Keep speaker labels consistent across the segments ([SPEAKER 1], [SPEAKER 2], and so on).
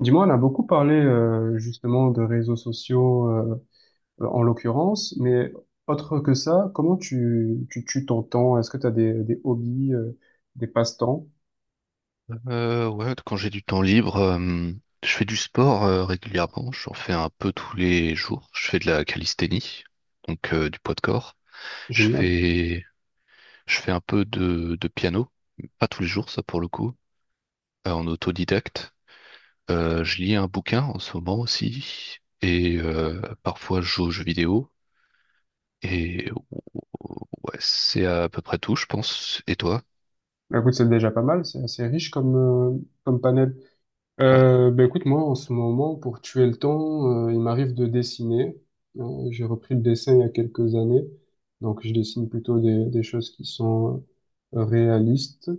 [SPEAKER 1] Dis-moi, on a beaucoup parlé justement de réseaux sociaux, en l'occurrence, mais autre que ça, comment tu tues ton temps? Est-ce que tu as des hobbies, des passe-temps?
[SPEAKER 2] Ouais, Quand j'ai du temps libre, je fais du sport régulièrement. J'en fais un peu tous les jours. Je fais de la calisthénie, donc du poids de corps. Je
[SPEAKER 1] Génial.
[SPEAKER 2] fais, je fais un peu de piano, pas tous les jours, ça pour le coup, en autodidacte. Je lis un bouquin en ce moment aussi, et parfois je joue aux jeux vidéo. Et ouais, c'est à peu près tout, je pense. Et toi?
[SPEAKER 1] Bah, écoute, c'est déjà pas mal, c'est assez riche comme comme panel.
[SPEAKER 2] Ouais,
[SPEAKER 1] Bah, écoute, moi en ce moment, pour tuer le temps, il m'arrive de dessiner. J'ai repris le dessin il y a quelques années, donc je dessine plutôt des choses qui sont réalistes.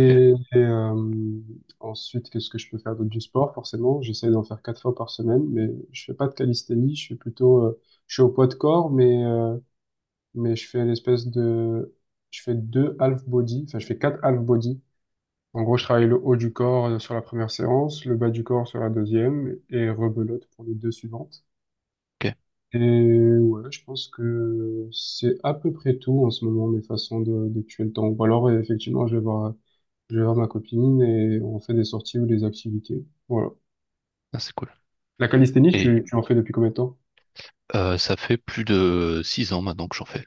[SPEAKER 2] ok,
[SPEAKER 1] et, euh, ensuite, qu'est-ce que je peux faire d'autre du sport? Forcément, j'essaie d'en faire quatre fois par semaine, mais je fais pas de calisthénie. Je suis plutôt, je suis au poids de corps, mais je fais une espèce de, je fais deux half body, enfin je fais quatre half body. En gros, je travaille le haut du corps sur la première séance, le bas du corps sur la deuxième, et rebelote pour les deux suivantes.
[SPEAKER 2] ok.
[SPEAKER 1] Et ouais, je pense que c'est à peu près tout en ce moment mes façons de tuer le temps. Ou alors, effectivement, je vais voir ma copine et on fait des sorties ou des activités. Voilà.
[SPEAKER 2] Ah, c'est cool.
[SPEAKER 1] La calisthénie,
[SPEAKER 2] Et
[SPEAKER 1] tu en fais depuis combien de temps?
[SPEAKER 2] Ça fait plus de six ans maintenant que j'en fais.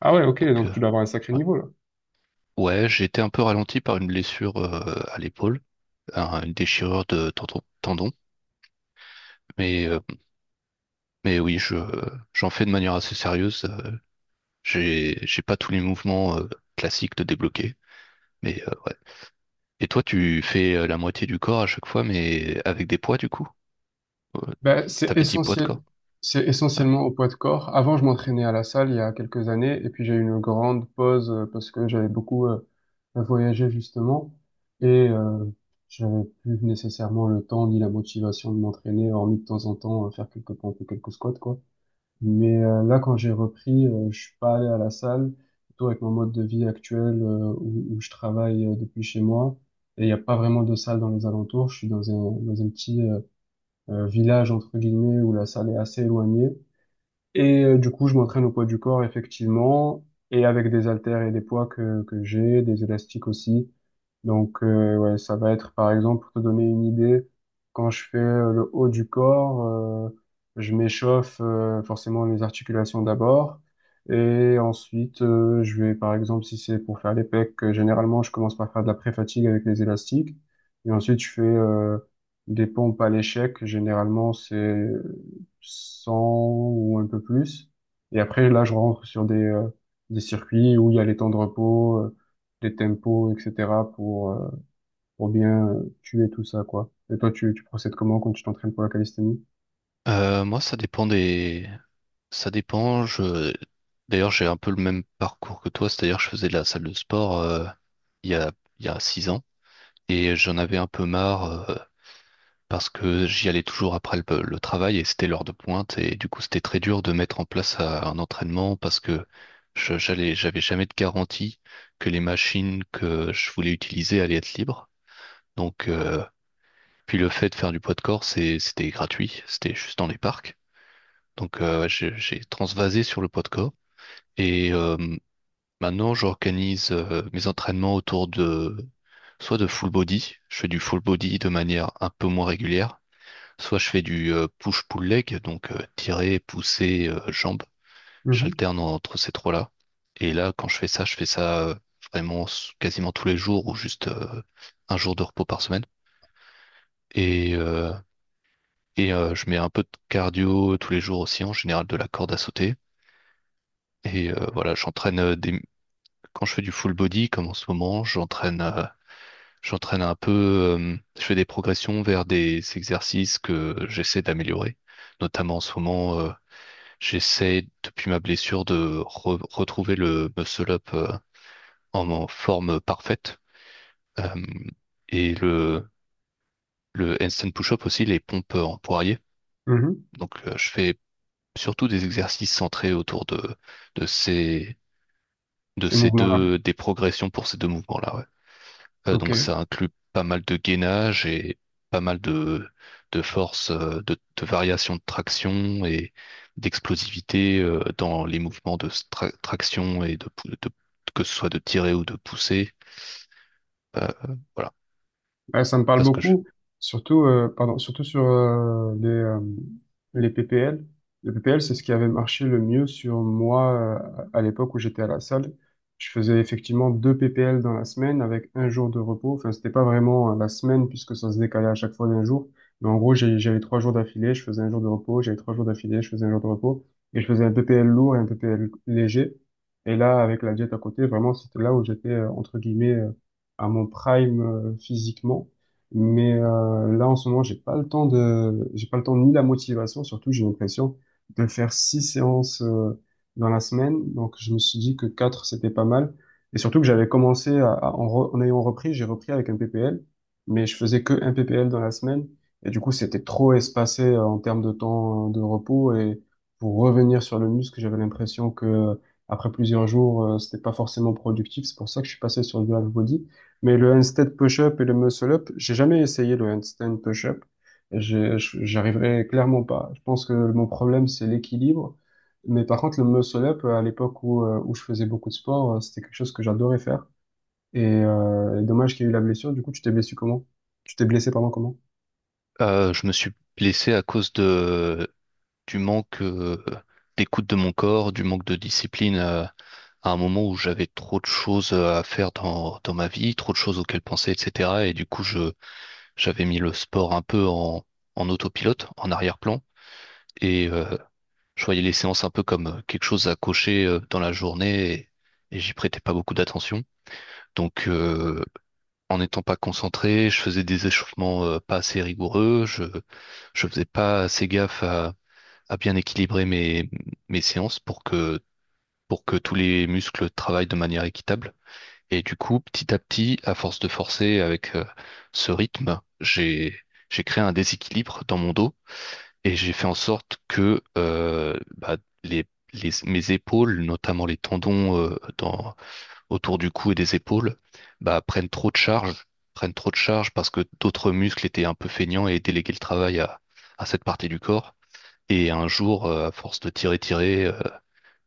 [SPEAKER 1] Ah ouais, ok,
[SPEAKER 2] Donc,
[SPEAKER 1] donc
[SPEAKER 2] euh,
[SPEAKER 1] tu dois avoir un sacré niveau là.
[SPEAKER 2] ouais, ouais, j'ai été un peu ralenti par une blessure à l'épaule, une déchirure de tendon. Mais, euh, mais oui, j'en fais de manière assez sérieuse. J'ai pas tous les mouvements classiques de débloquer. Mais euh, ouais. Et toi, tu fais la moitié du corps à chaque fois, mais avec des poids du coup? Euh,
[SPEAKER 1] Ben,
[SPEAKER 2] T'avais dit poids de corps?
[SPEAKER 1] c'est
[SPEAKER 2] Ouais.
[SPEAKER 1] essentiellement au poids de corps. Avant, je m'entraînais à la salle il y a quelques années et puis j'ai eu une grande pause parce que j'avais beaucoup voyagé justement et j'avais plus nécessairement le temps ni la motivation de m'entraîner, hormis de temps en temps faire quelques pompes ou quelques squats quoi. Mais là, quand j'ai repris, je suis pas allé à la salle, plutôt avec mon mode de vie actuel où je travaille depuis chez moi. Et il n'y a pas vraiment de salle dans les alentours. Je suis dans un petit village, entre guillemets, où la salle est assez éloignée. Et du coup, je m'entraîne au poids du corps, effectivement, et avec des haltères et des poids que j'ai, des élastiques aussi. Donc, ouais, ça va être, par exemple, pour te donner une idée, quand je fais le haut du corps, je m'échauffe forcément les articulations d'abord. Et ensuite, je vais, par exemple, si c'est pour faire les pecs, généralement, je commence par faire de la pré-fatigue avec les élastiques. Et ensuite, je fais des pompes à l'échec. Généralement, c'est 100 ou un peu plus. Et après, là, je rentre sur des des circuits où il y a les temps de repos, les tempos, etc. Pour bien tuer tout ça, quoi. Et toi, tu procèdes comment quand tu t'entraînes pour la calisthénie?
[SPEAKER 2] Moi, ça dépend des, Ça dépend. Je... D'ailleurs, j'ai un peu le même parcours que toi, c'est-à-dire que je faisais de la salle de sport il y a, il y a six ans et j'en avais un peu marre euh, parce que j'y allais toujours après le travail et c'était l'heure de pointe et du coup, c'était très dur de mettre en place un entraînement parce que j'avais jamais de garantie que les machines que je voulais utiliser allaient être libres. Donc, euh, Puis le fait de faire du poids de corps, c'était gratuit, c'était juste dans les parcs. Donc, ouais, j'ai transvasé sur le poids de corps. Et euh, Maintenant, j'organise mes entraînements autour de soit de full body, je fais du full body de manière un peu moins régulière, soit je fais du push-pull leg, donc tirer, pousser, jambes.
[SPEAKER 1] Mhm.
[SPEAKER 2] J'alterne entre ces trois-là. Et là, quand je fais ça vraiment quasiment tous les jours ou juste un jour de repos par semaine. Et, euh, je mets un peu de cardio tous les jours aussi, en général de la corde à sauter. Et voilà, j'entraîne des quand je fais du full body, comme en ce moment, j'entraîne un peu, je fais des progressions vers des exercices que j'essaie d'améliorer. Notamment en ce moment, j'essaie depuis ma blessure de retrouver le muscle up en forme parfaite. Euh, et le handstand push-up aussi, les pompes en poirier.
[SPEAKER 1] Mhm.
[SPEAKER 2] Donc je fais surtout des exercices centrés autour de de ces de
[SPEAKER 1] Ces
[SPEAKER 2] ces
[SPEAKER 1] mouvements-là.
[SPEAKER 2] deux des progressions pour ces deux mouvements-là. Ouais. Donc
[SPEAKER 1] Ok.
[SPEAKER 2] ça inclut pas mal de gainage et pas mal de force, de variation de traction et d'explosivité dans les mouvements de traction et que ce soit de tirer ou de pousser. Euh, voilà,
[SPEAKER 1] Ouais, ça me parle
[SPEAKER 2] parce que je,
[SPEAKER 1] beaucoup, surtout, pardon, surtout sur les PPL. Les PPL, c'est ce qui avait marché le mieux sur moi à l'époque où j'étais à la salle. Je faisais effectivement deux PPL dans la semaine avec un jour de repos. Enfin, c'était pas vraiment la semaine puisque ça se décalait à chaque fois d'un jour. Mais en gros, j'avais 3 jours d'affilée, je faisais un jour de repos, j'avais 3 jours d'affilée, je faisais un jour de repos. Et je faisais un PPL lourd et un PPL léger. Et là, avec la diète à côté, vraiment, c'était là où j'étais, entre guillemets, à mon prime physiquement. Mais là, en ce moment, j'ai pas le temps ni la motivation, surtout j'ai l'impression de faire six séances dans la semaine. Donc, je me suis dit que quatre, c'était pas mal. Et surtout que j'avais commencé en ayant repris, j'ai repris avec un PPL, mais je faisais que un PPL dans la semaine. Et du coup, c'était trop espacé en termes de temps de repos. Et pour revenir sur le muscle, j'avais l'impression que après plusieurs jours, c'était pas forcément productif. C'est pour ça que je suis passé sur du half body. Mais le handstand push-up et le muscle-up, j'ai jamais essayé le handstand push-up. J'arriverai clairement pas. Je pense que mon problème, c'est l'équilibre. Mais par contre, le muscle-up, à l'époque où je faisais beaucoup de sport, c'était quelque chose que j'adorais faire. Et dommage qu'il y ait eu la blessure. Du coup, tu t'es blessé comment? Tu t'es blessé, pardon, comment?
[SPEAKER 2] Je me suis blessé à cause de, du manque d'écoute de mon corps, du manque de discipline à un moment où j'avais trop de choses à faire dans ma vie, trop de choses auxquelles penser, etc. Et du coup, je J'avais mis le sport un peu en autopilote, en arrière-plan, et euh, je voyais les séances un peu comme quelque chose à cocher dans la journée, et j'y prêtais pas beaucoup d'attention. Donc, en n'étant pas concentré, je faisais des échauffements pas assez rigoureux, je faisais pas assez gaffe à bien équilibrer mes séances pour que tous les muscles travaillent de manière équitable. Et du coup, petit à petit, à force de forcer avec ce rythme, j'ai créé un déséquilibre dans mon dos et j'ai fait en sorte que les, mes épaules, notamment les tendons autour du cou et des épaules, prennent trop de charge. Parce que d'autres muscles étaient un peu feignants et déléguaient le travail à cette partie du corps. Et un jour, à force de tirer,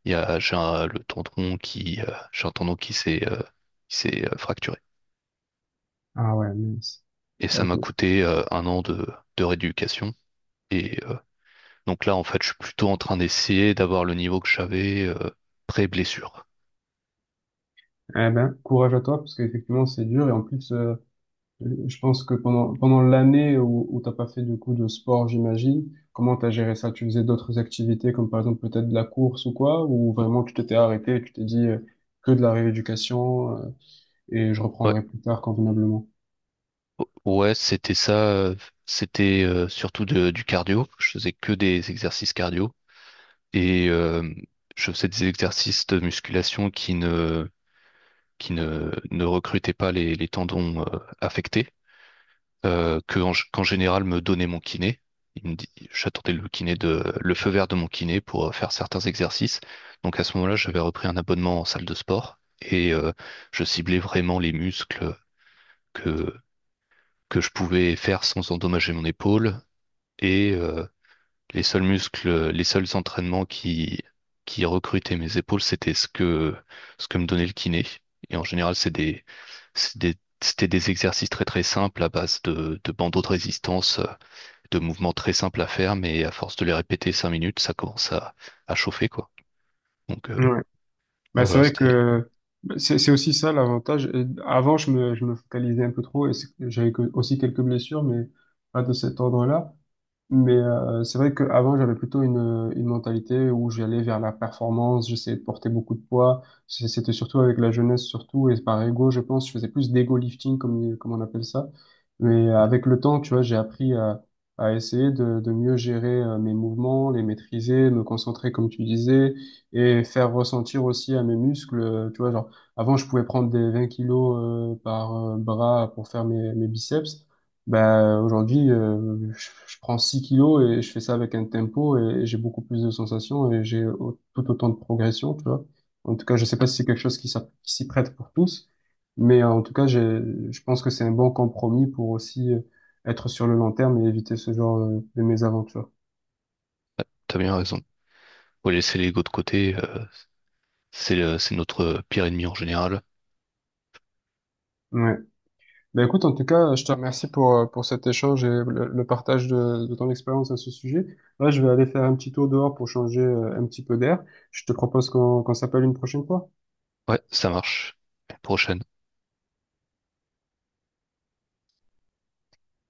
[SPEAKER 2] il y a, j'ai un, le tendon qui, j'ai un tendon qui s'est fracturé,
[SPEAKER 1] Ah ouais, mince.
[SPEAKER 2] et ça m'a
[SPEAKER 1] Ok.
[SPEAKER 2] coûté un an de rééducation. Et euh, donc là, en fait, je suis plutôt en train d'essayer d'avoir le niveau que j'avais pré-blessure.
[SPEAKER 1] Eh ben, courage à toi, parce qu'effectivement, c'est dur. Et en plus, je pense que pendant l'année où t'as pas fait du coup de sport, j'imagine, comment t'as géré ça? Tu faisais d'autres activités comme par exemple peut-être de la course ou quoi? Ou vraiment tu t'étais arrêté et tu t'es dit que de la rééducation et je
[SPEAKER 2] Ouais,
[SPEAKER 1] reprendrai plus tard convenablement?
[SPEAKER 2] Ouais, c'était ça. C'était surtout du cardio. Je faisais que des exercices cardio et je faisais des exercices de musculation qui ne recrutaient pas les tendons affectés. Qu'en général me donnait mon kiné. Il me dit, j'attendais le kiné le feu vert de mon kiné pour faire certains exercices. Donc à ce moment-là, j'avais repris un abonnement en salle de sport et je ciblais vraiment les muscles que, que je pouvais faire sans endommager mon épaule et les seuls muscles, les seuls entraînements qui recrutaient mes épaules, c'était ce ce que me donnait le kiné. Et en général, c'était des exercices très très simples à base de bandeaux de résistance de mouvements très simples à faire, mais à force de les répéter cinq minutes, ça commence à chauffer, quoi. Donc euh,
[SPEAKER 1] Ouais. Bah,
[SPEAKER 2] ah,
[SPEAKER 1] c'est
[SPEAKER 2] voilà,
[SPEAKER 1] vrai
[SPEAKER 2] c'était,
[SPEAKER 1] que bah, c'est aussi ça l'avantage. Avant, je me focalisais un peu trop et aussi quelques blessures, mais pas de cet ordre-là. Mais c'est vrai qu'avant, j'avais plutôt une mentalité où j'allais vers la performance, j'essayais de porter beaucoup de poids. C'était surtout avec la jeunesse, surtout, et par ego, je pense, je faisais plus d'ego lifting, comme on appelle ça. Mais avec le temps, tu vois, j'ai appris à essayer de mieux gérer mes mouvements, les maîtriser, me concentrer, comme tu disais, et faire ressentir aussi à mes muscles, tu vois, genre, avant, je pouvais prendre des 20 kilos par bras pour faire mes biceps. Ben, aujourd'hui, je prends 6 kilos et je fais ça avec un tempo et j'ai beaucoup plus de sensations et j'ai tout autant de progression, tu vois. En tout cas, je sais pas si c'est quelque chose qui s'y prête pour tous, mais en tout cas, je pense que c'est un bon compromis pour aussi être sur le long terme et éviter ce genre de mésaventures.
[SPEAKER 2] T'as bien raison. Faut laisser l'ego de côté, c'est notre pire ennemi en général.
[SPEAKER 1] Ouais. Ben écoute, en tout cas, je te remercie pour cet échange et le partage de ton expérience à ce sujet. Là, je vais aller faire un petit tour dehors pour changer un petit peu d'air. Je te propose qu'on s'appelle une prochaine fois.
[SPEAKER 2] Ouais, ça marche. À la prochaine.